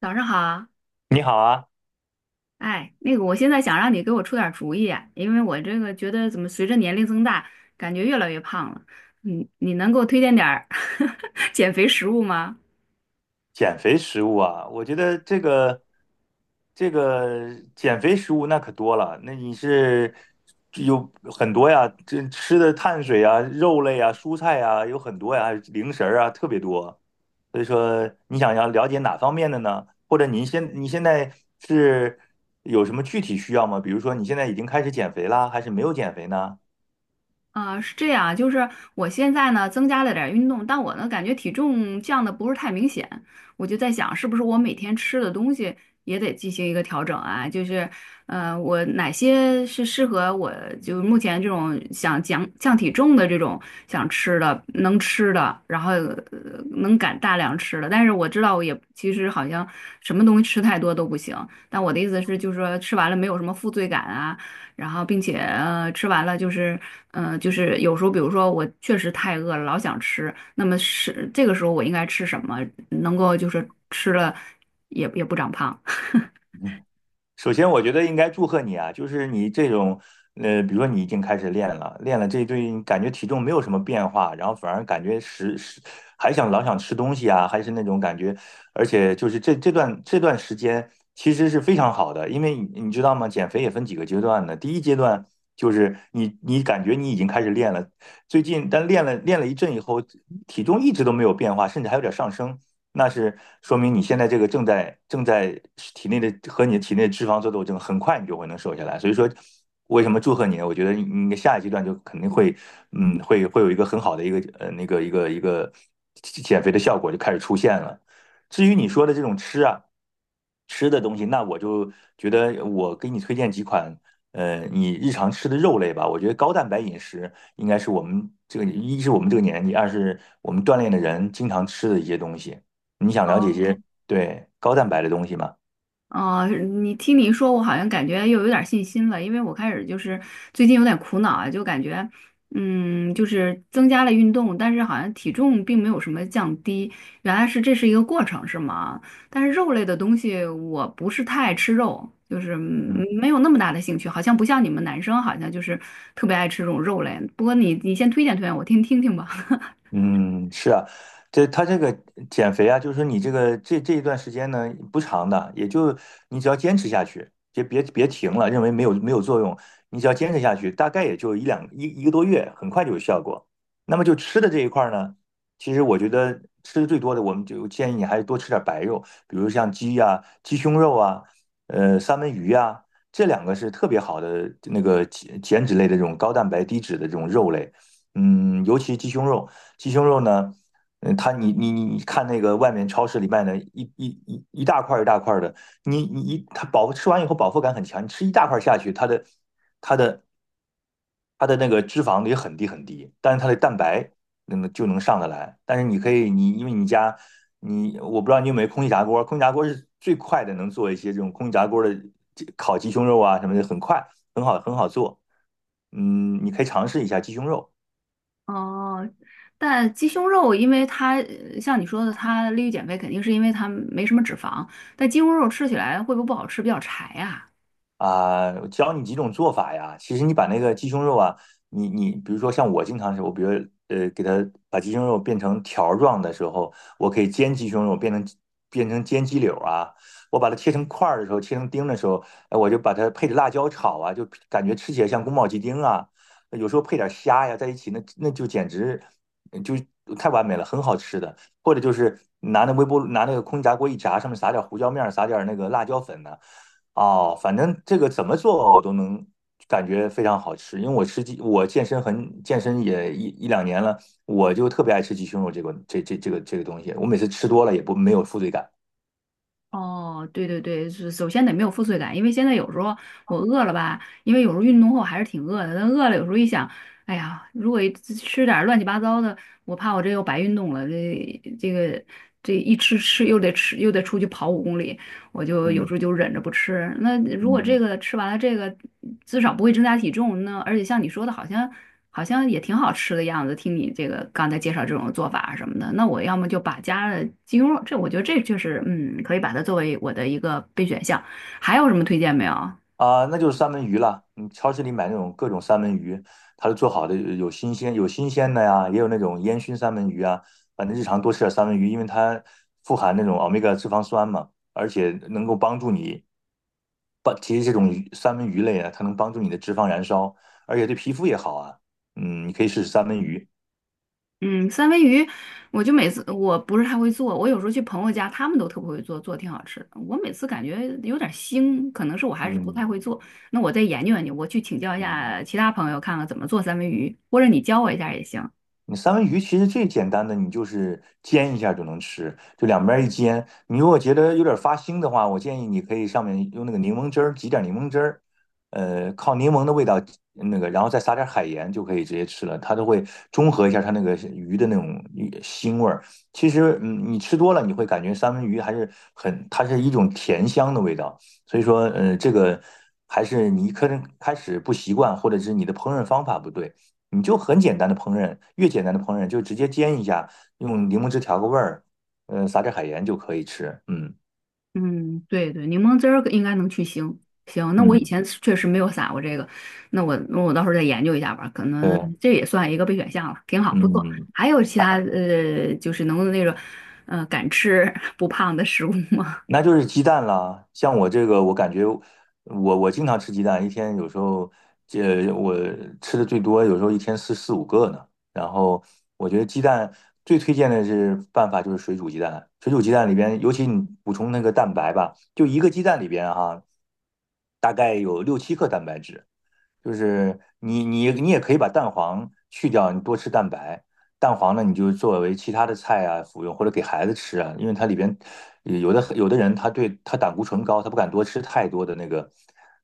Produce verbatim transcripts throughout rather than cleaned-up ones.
早上好。你好啊。哎，那个，我现在想让你给我出点儿主意啊，因为我这个觉得怎么随着年龄增大，感觉越来越胖了。你你能给我推荐点儿 减肥食物吗？减肥食物啊，我觉得这个这个减肥食物那可多了，那你是有很多呀，这吃的碳水啊、肉类啊、蔬菜啊有很多呀，还有零食儿啊特别多。所以说，你想要了解哪方面的呢？或者您现你现在是有什么具体需要吗？比如说你现在已经开始减肥啦，还是没有减肥呢？啊，是这样，就是我现在呢增加了点儿运动，但我呢感觉体重降的不是太明显，我就在想是不是我每天吃的东西也得进行一个调整啊？就是，呃，我哪些是适合我就目前这种想降降体重的这种想吃的能吃的，然后呃能敢大量吃的，但是我知道我也其实好像什么东西吃太多都不行，但我的意思是就是说吃完了没有什么负罪感啊。然后并且呃吃完了就是呃就是有时候比如说我确实太饿了，老想吃，那么是这个时候我应该吃什么，能够就是吃了也也不长胖。首先，我觉得应该祝贺你啊，就是你这种，呃，比如说你已经开始练了，练了这一对，感觉体重没有什么变化，然后反而感觉食食还想老想吃东西啊，还是那种感觉，而且就是这这段这段时间其实是非常好的，因为你你知道吗？减肥也分几个阶段的，第一阶段就是你你感觉你已经开始练了，最近但练了练了一阵以后，体重一直都没有变化，甚至还有点上升。那是说明你现在这个正在正在体内的和你的体内的脂肪做斗争，很快你就会能瘦下来。所以说，为什么祝贺你呢？我觉得你的下一阶段就肯定会，嗯，会会有一个很好的一个呃那个一个一个减肥的效果就开始出现了。至于你说的这种吃啊，吃的东西，那我就觉得我给你推荐几款，呃，你日常吃的肉类吧。我觉得高蛋白饮食应该是我们这个，一是我们这个年纪，二是我们锻炼的人经常吃的一些东西。你想了解一些对高蛋白的东西吗？哦，你听你说，我好像感觉又有点儿信心了，因为我开始就是最近有点苦恼啊，就感觉，嗯，就是增加了运动，但是好像体重并没有什么降低，原来是这是一个过程，是吗？但是肉类的东西我不是太爱吃肉，就是嗯嗯。没有那么大的兴趣，好像不像你们男生，好像就是特别爱吃这种肉类。不过你你先推荐推荐我听听听吧。嗯，是啊，这他这个减肥啊，就是说你这个这这一段时间呢不长的，也就你只要坚持下去，别别别停了，认为没有没有作用，你只要坚持下去，大概也就一两一一个多月，很快就有效果。那么就吃的这一块儿呢，其实我觉得吃的最多的，我们就建议你还是多吃点白肉，比如像鸡呀、鸡胸肉啊，呃，三文鱼呀、这两个是特别好的那个减减脂类的这种高蛋白低脂的这种肉类。嗯，尤其鸡胸肉。鸡胸肉呢，嗯，它你你你你看那个外面超市里卖的一一一一大块一大块的，你你一它饱吃完以后饱腹感很强，你吃一大块下去，它的它的它的那个脂肪也很低很低，但是它的蛋白能就能上得来。但是你可以你因为你家你我不知道你有没有空气炸锅，空气炸锅是最快的能做一些这种空气炸锅的烤鸡胸肉啊什么的，很快很好很好做。嗯，你可以尝试一下鸡胸肉。哦，但鸡胸肉，因为它呃像你说的，它利于减肥，肯定是因为它没什么脂肪。但鸡胸肉吃起来会不会不好吃，比较柴呀。啊，我教你几种做法呀。其实你把那个鸡胸肉啊，你你比如说像我经常是，我比如呃给它把鸡胸肉变成条儿状的时候，我可以煎鸡胸肉变成变成煎鸡柳啊。我把它切成块儿的时候，切成丁的时候，哎，我就把它配着辣椒炒啊，就感觉吃起来像宫保鸡丁啊。有时候配点虾呀在一起，那那就简直呃就太完美了，很好吃的。或者就是拿那微波炉拿那个空气炸锅一炸，上面撒点胡椒面儿，撒点那个辣椒粉呢、哦，反正这个怎么做我都能感觉非常好吃，因为我吃鸡，我健身很健身也一一两年了，我就特别爱吃鸡胸肉这个这这这个这个东西，我每次吃多了也不没有负罪感。哦，对对对，是首先得没有负罪感，因为现在有时候我饿了吧，因为有时候运动后还是挺饿的，但饿了有时候一想，哎呀，如果一吃点儿乱七八糟的，我怕我这又白运动了，这这个这一吃吃又得吃又得出去跑五公里，我就有时嗯候就忍着不吃。那如果这嗯。个吃完了，这个至少不会增加体重。那而且像你说的，好像好像也挺好吃的样子。听你这个刚才介绍这种做法什么的，那我要么就把加了鸡胸肉，这我觉得这就是嗯，可以把它作为我的一个备选项。还有什么推荐没有？啊，那就是三文鱼了。你超市里买那种各种三文鱼，它都做好的，有新鲜有新鲜的呀，也有那种烟熏三文鱼啊。反正日常多吃点三文鱼，因为它富含那种欧米伽脂肪酸嘛，而且能够帮助你。帮，其实这种鱼三文鱼类啊，它能帮助你的脂肪燃烧，而且对皮肤也好啊。嗯，你可以试试三文鱼。嗯，三文鱼，我就每次我不是太会做，我有时候去朋友家，他们都特别会做，做挺好吃的。我每次感觉有点腥，可能是我还是不嗯太会做。那我再研究研究，我去请教一嗯。下其他朋友，看看怎么做三文鱼，或者你教我一下也行。你三文鱼其实最简单的，你就是煎一下就能吃，就两边一煎。你如果觉得有点发腥的话，我建议你可以上面用那个柠檬汁儿挤点柠檬汁儿，呃，靠柠檬的味道那个，然后再撒点海盐就可以直接吃了，它都会中和一下它那个鱼的那种鱼腥味儿。其实，嗯，你吃多了你会感觉三文鱼还是很，它是一种甜香的味道。所以说，呃，这个还是你可能开始不习惯，或者是你的烹饪方法不对。你就很简单的烹饪，越简单的烹饪就直接煎一下，用柠檬汁调个味儿，嗯，撒点海盐就可以吃。嗯嗯，对对，柠檬汁儿应该能去腥。行，那我以嗯，前确实没有撒过这个，那我那我到时候再研究一下吧，可能对，这也算一个备选项了，挺好，不错。嗯。还有其他呃，就是能那种呃敢吃 不胖的食物吗？那就是鸡蛋啦。像我这个，我感觉我我经常吃鸡蛋，一天有时候这我吃的最多，有时候一天四四五个呢。然后我觉得鸡蛋最推荐的是办法就是水煮鸡蛋，水煮鸡蛋里边，尤其你补充那个蛋白吧，就一个鸡蛋里边哈、大概有六七克蛋白质。就是你你你也可以把蛋黄去掉，你多吃蛋白。蛋黄呢，你就作为其他的菜啊服用，或者给孩子吃啊，因为它里边有的有的人他对他胆固醇高，他不敢多吃太多的那个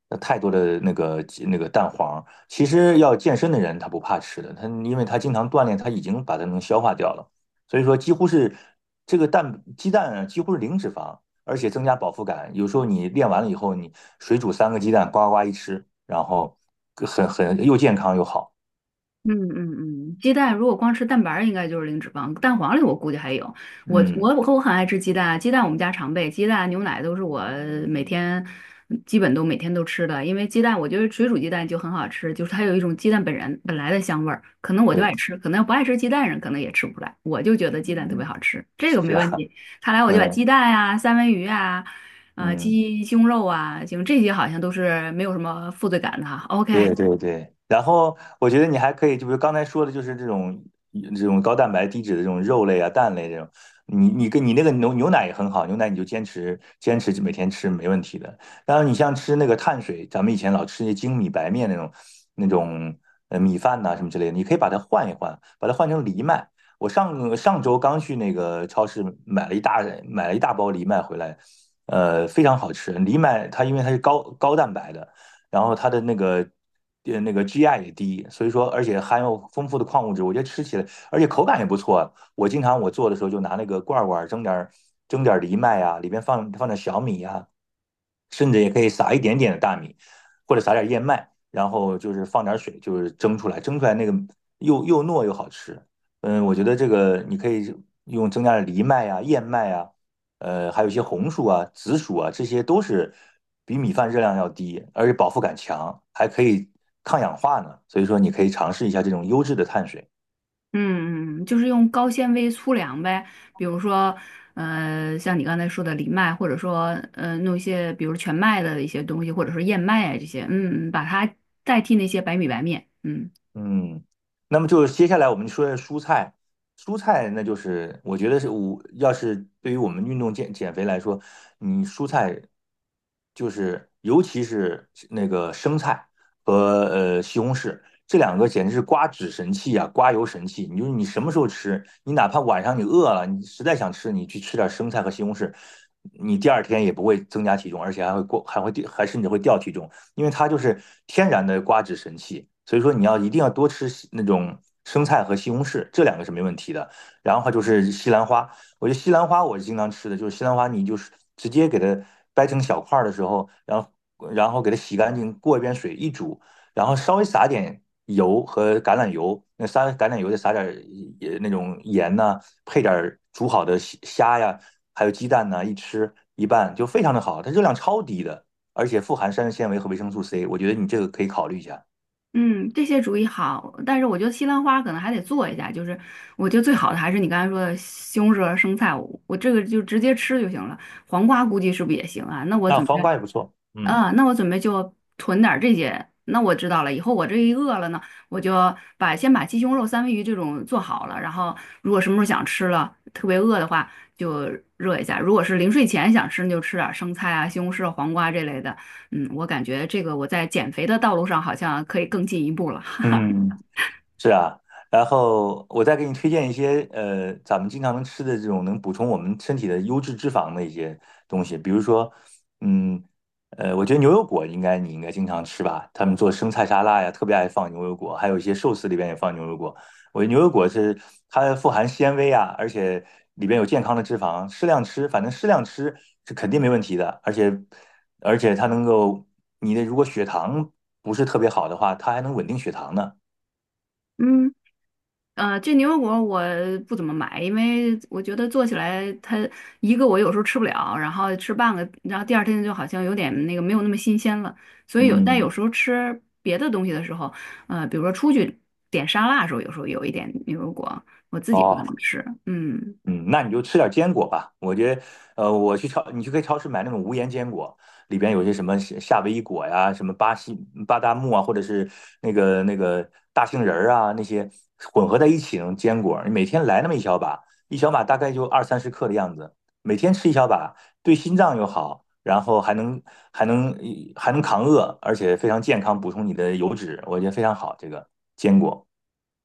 呃太多的那个那个蛋黄。其实要健身的人他不怕吃的，他因为他经常锻炼，他已经把它能消化掉了。所以说几乎是这个蛋鸡蛋啊，几乎是零脂肪。而且增加饱腹感。有时候你练完了以后，你水煮三个鸡蛋，呱呱一吃，然后很很又健康又好。嗯嗯嗯，鸡蛋如果光吃蛋白儿应该就是零脂肪。蛋黄里我估计还有。我嗯，我我和我很爱吃鸡蛋啊，鸡蛋我们家常备，鸡蛋牛奶都是我每天基本都每天都吃的。因为鸡蛋，我觉得水煮鸡蛋就很好吃，就是它有一种鸡蛋本人本来的香味儿。可能我就对，爱吃，可能不爱吃鸡蛋人可能也吃不出来。我就觉得鸡蛋特别嗯，好吃，这个是没问啊，题。看来我就把嗯鸡蛋啊、三文鱼啊、呃嗯。鸡胸肉啊，行，这些好像都是没有什么负罪感的哈。OK。对对对，然后我觉得你还可以，就比如刚才说的，就是这种呃这种高蛋白、低脂的这种肉类啊、蛋类这种，你你跟你那个牛牛奶也很好，牛奶你就坚持坚持每天吃没问题的。当然后你像吃那个碳水，咱们以前老吃那精米白面那种那种呃米饭呐、什么之类的，你可以把它换一换，把它换成藜麦。我上上周刚去那个超市买了一大买了一大包藜麦回来，呃，非常好吃。藜麦它因为它是高高蛋白的。然后它的那个呃那个 G I 也低，所以说而且含有丰富的矿物质，我觉得吃起来而且口感也不错。我经常我做的时候就拿那个罐罐蒸点儿蒸点儿藜麦啊，里边放放点小米啊，甚至也可以撒一点点的大米，或者撒点燕麦，然后就是放点水，就是蒸出来，蒸出来那个又又糯又好吃。嗯，我觉得这个你可以用增加的藜麦啊、燕麦啊，呃，还有一些红薯啊、紫薯啊，这些都是比米饭热量要低，而且饱腹感强，还可以抗氧化呢。所以说，你可以尝试一下这种优质的碳水。嗯嗯，就是用高纤维粗粮呗，比如说，呃，像你刚才说的藜麦，或者说，呃，弄一些，比如全麦的一些东西，或者说燕麦啊这些，嗯，嗯把它代替那些白米白面。嗯嗯，那么就是接下来我们说蔬菜，蔬菜那就是我觉得是我要是对于我们运动减减肥来说，你蔬菜就是尤其是那个生菜和呃西红柿，这两个简直是刮脂神器啊，刮油神器。你就是你什么时候吃，你哪怕晚上你饿了，你实在想吃，你去吃点生菜和西红柿，你第二天也不会增加体重，而且还会过还会掉还甚至会掉体重。因为它就是天然的刮脂神器，所以说你要一定要多吃那种生菜和西红柿，这两个是没问题的。然后还就是西兰花，我觉得西兰花我是经常吃的，就是西兰花你就是直接给它掰成小块儿的时候，然后然后给它洗干净，过一遍水一煮，然后稍微撒点油和橄榄油，那撒橄榄油再撒点儿那种盐呐、配点煮好的虾虾呀，还有鸡蛋呐、一吃一拌就非常的好，它热量超低的。而且富含膳食纤维和维生素 C,我觉得你这个可以考虑一下。嗯，这些主意好，但是我觉得西兰花可能还得做一下，就是我觉得最好的还是你刚才说的西红柿和生菜，我，我这个就直接吃就行了，黄瓜估计是不是也行啊？那我那准备黄瓜也不错，嗯啊，那我准备就囤点儿这些。那我知道了，以后我这一饿了呢，我就把先把鸡胸肉、三文鱼这种做好了，然后如果什么时候想吃了，特别饿的话就热一下。如果是临睡前想吃，那就吃点儿生菜啊、西红柿、黄瓜这类的。嗯，我感觉这个我在减肥的道路上好像可以更进一步了。嗯，是啊，然后我再给你推荐一些呃，咱们经常能吃的这种能补充我们身体的优质脂肪的一些东西，比如说，嗯，呃，我觉得牛油果应该你应该经常吃吧，他们做生菜沙拉呀，特别爱放牛油果，还有一些寿司里边也放牛油果。我觉得牛油果是它富含纤维啊，而且里边有健康的脂肪，适量吃，反正适量吃是肯定没问题的，而且而且它能够你的如果血糖不是特别好的话，它还能稳定血糖呢。嗯。呃，这牛油果我不怎么买，因为我觉得做起来它一个我有时候吃不了，然后吃半个，然后第二天就好像有点那个没有那么新鲜了。所以有，但有嗯。时候吃别的东西的时候，呃，比如说出去点沙拉的时候，有时候有一点牛油果，我自己不怎哦，么吃。嗯，嗯，那你就吃点坚果吧。我觉得，呃，我去超，你去可以超市买那种无盐坚果，里边有些什么夏夏威夷果呀，什么巴西巴旦木啊，或者是那个那个大杏仁儿啊，那些混合在一起那种坚果，你每天来那么一小把，一小把大概就二三十克的样子，每天吃一小把，对心脏又好，然后还能还能还能扛饿，而且非常健康，补充你的油脂，我觉得非常好。这个坚果，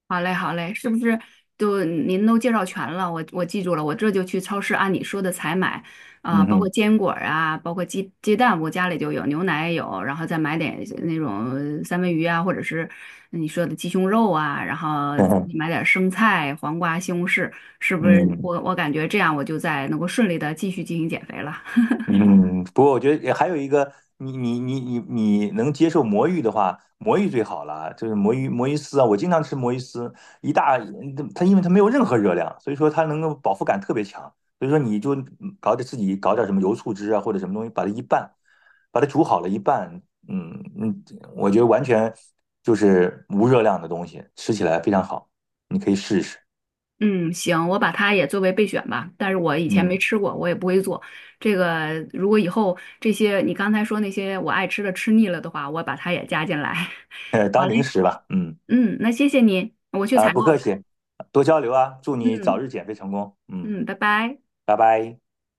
好嘞，好嘞，是不是都您都介绍全了？我我记住了，我这就去超市按你说的采买啊、嗯包括哼，坚果儿啊，包括鸡鸡蛋，我家里就有，牛奶也有，然后再买点那种三文鱼啊，或者是你说的鸡胸肉啊，然后嗯哼，买点生菜、黄瓜、西红柿，是不是嗯。我？我感觉这样我就在能够顺利的继续进行减肥了。嗯，不过我觉得也还有一个，你你你你你能接受魔芋的话，魔芋最好了，就是魔芋魔芋丝啊，我经常吃魔芋丝，一大嗯它因为它没有任何热量，所以说它能够饱腹感特别强，所以说你就搞点自己搞点什么油醋汁啊或者什么东西，把它一拌，把它煮好了一拌，嗯嗯，我觉得完全就是无热量的东西，吃起来非常好，你可以试一试，嗯，行，我把它也作为备选吧。但是我以前没嗯，吃过，我也不会做。这个如果以后这些你刚才说那些我爱吃的吃腻了的话，我把它也加进来。呃，好当零嘞，食吧，嗯。嗯，那谢谢你，我去啊，采购不客了。气，多交流啊，祝你早嗯日减肥成功。嗯，嗯，拜拜。拜拜。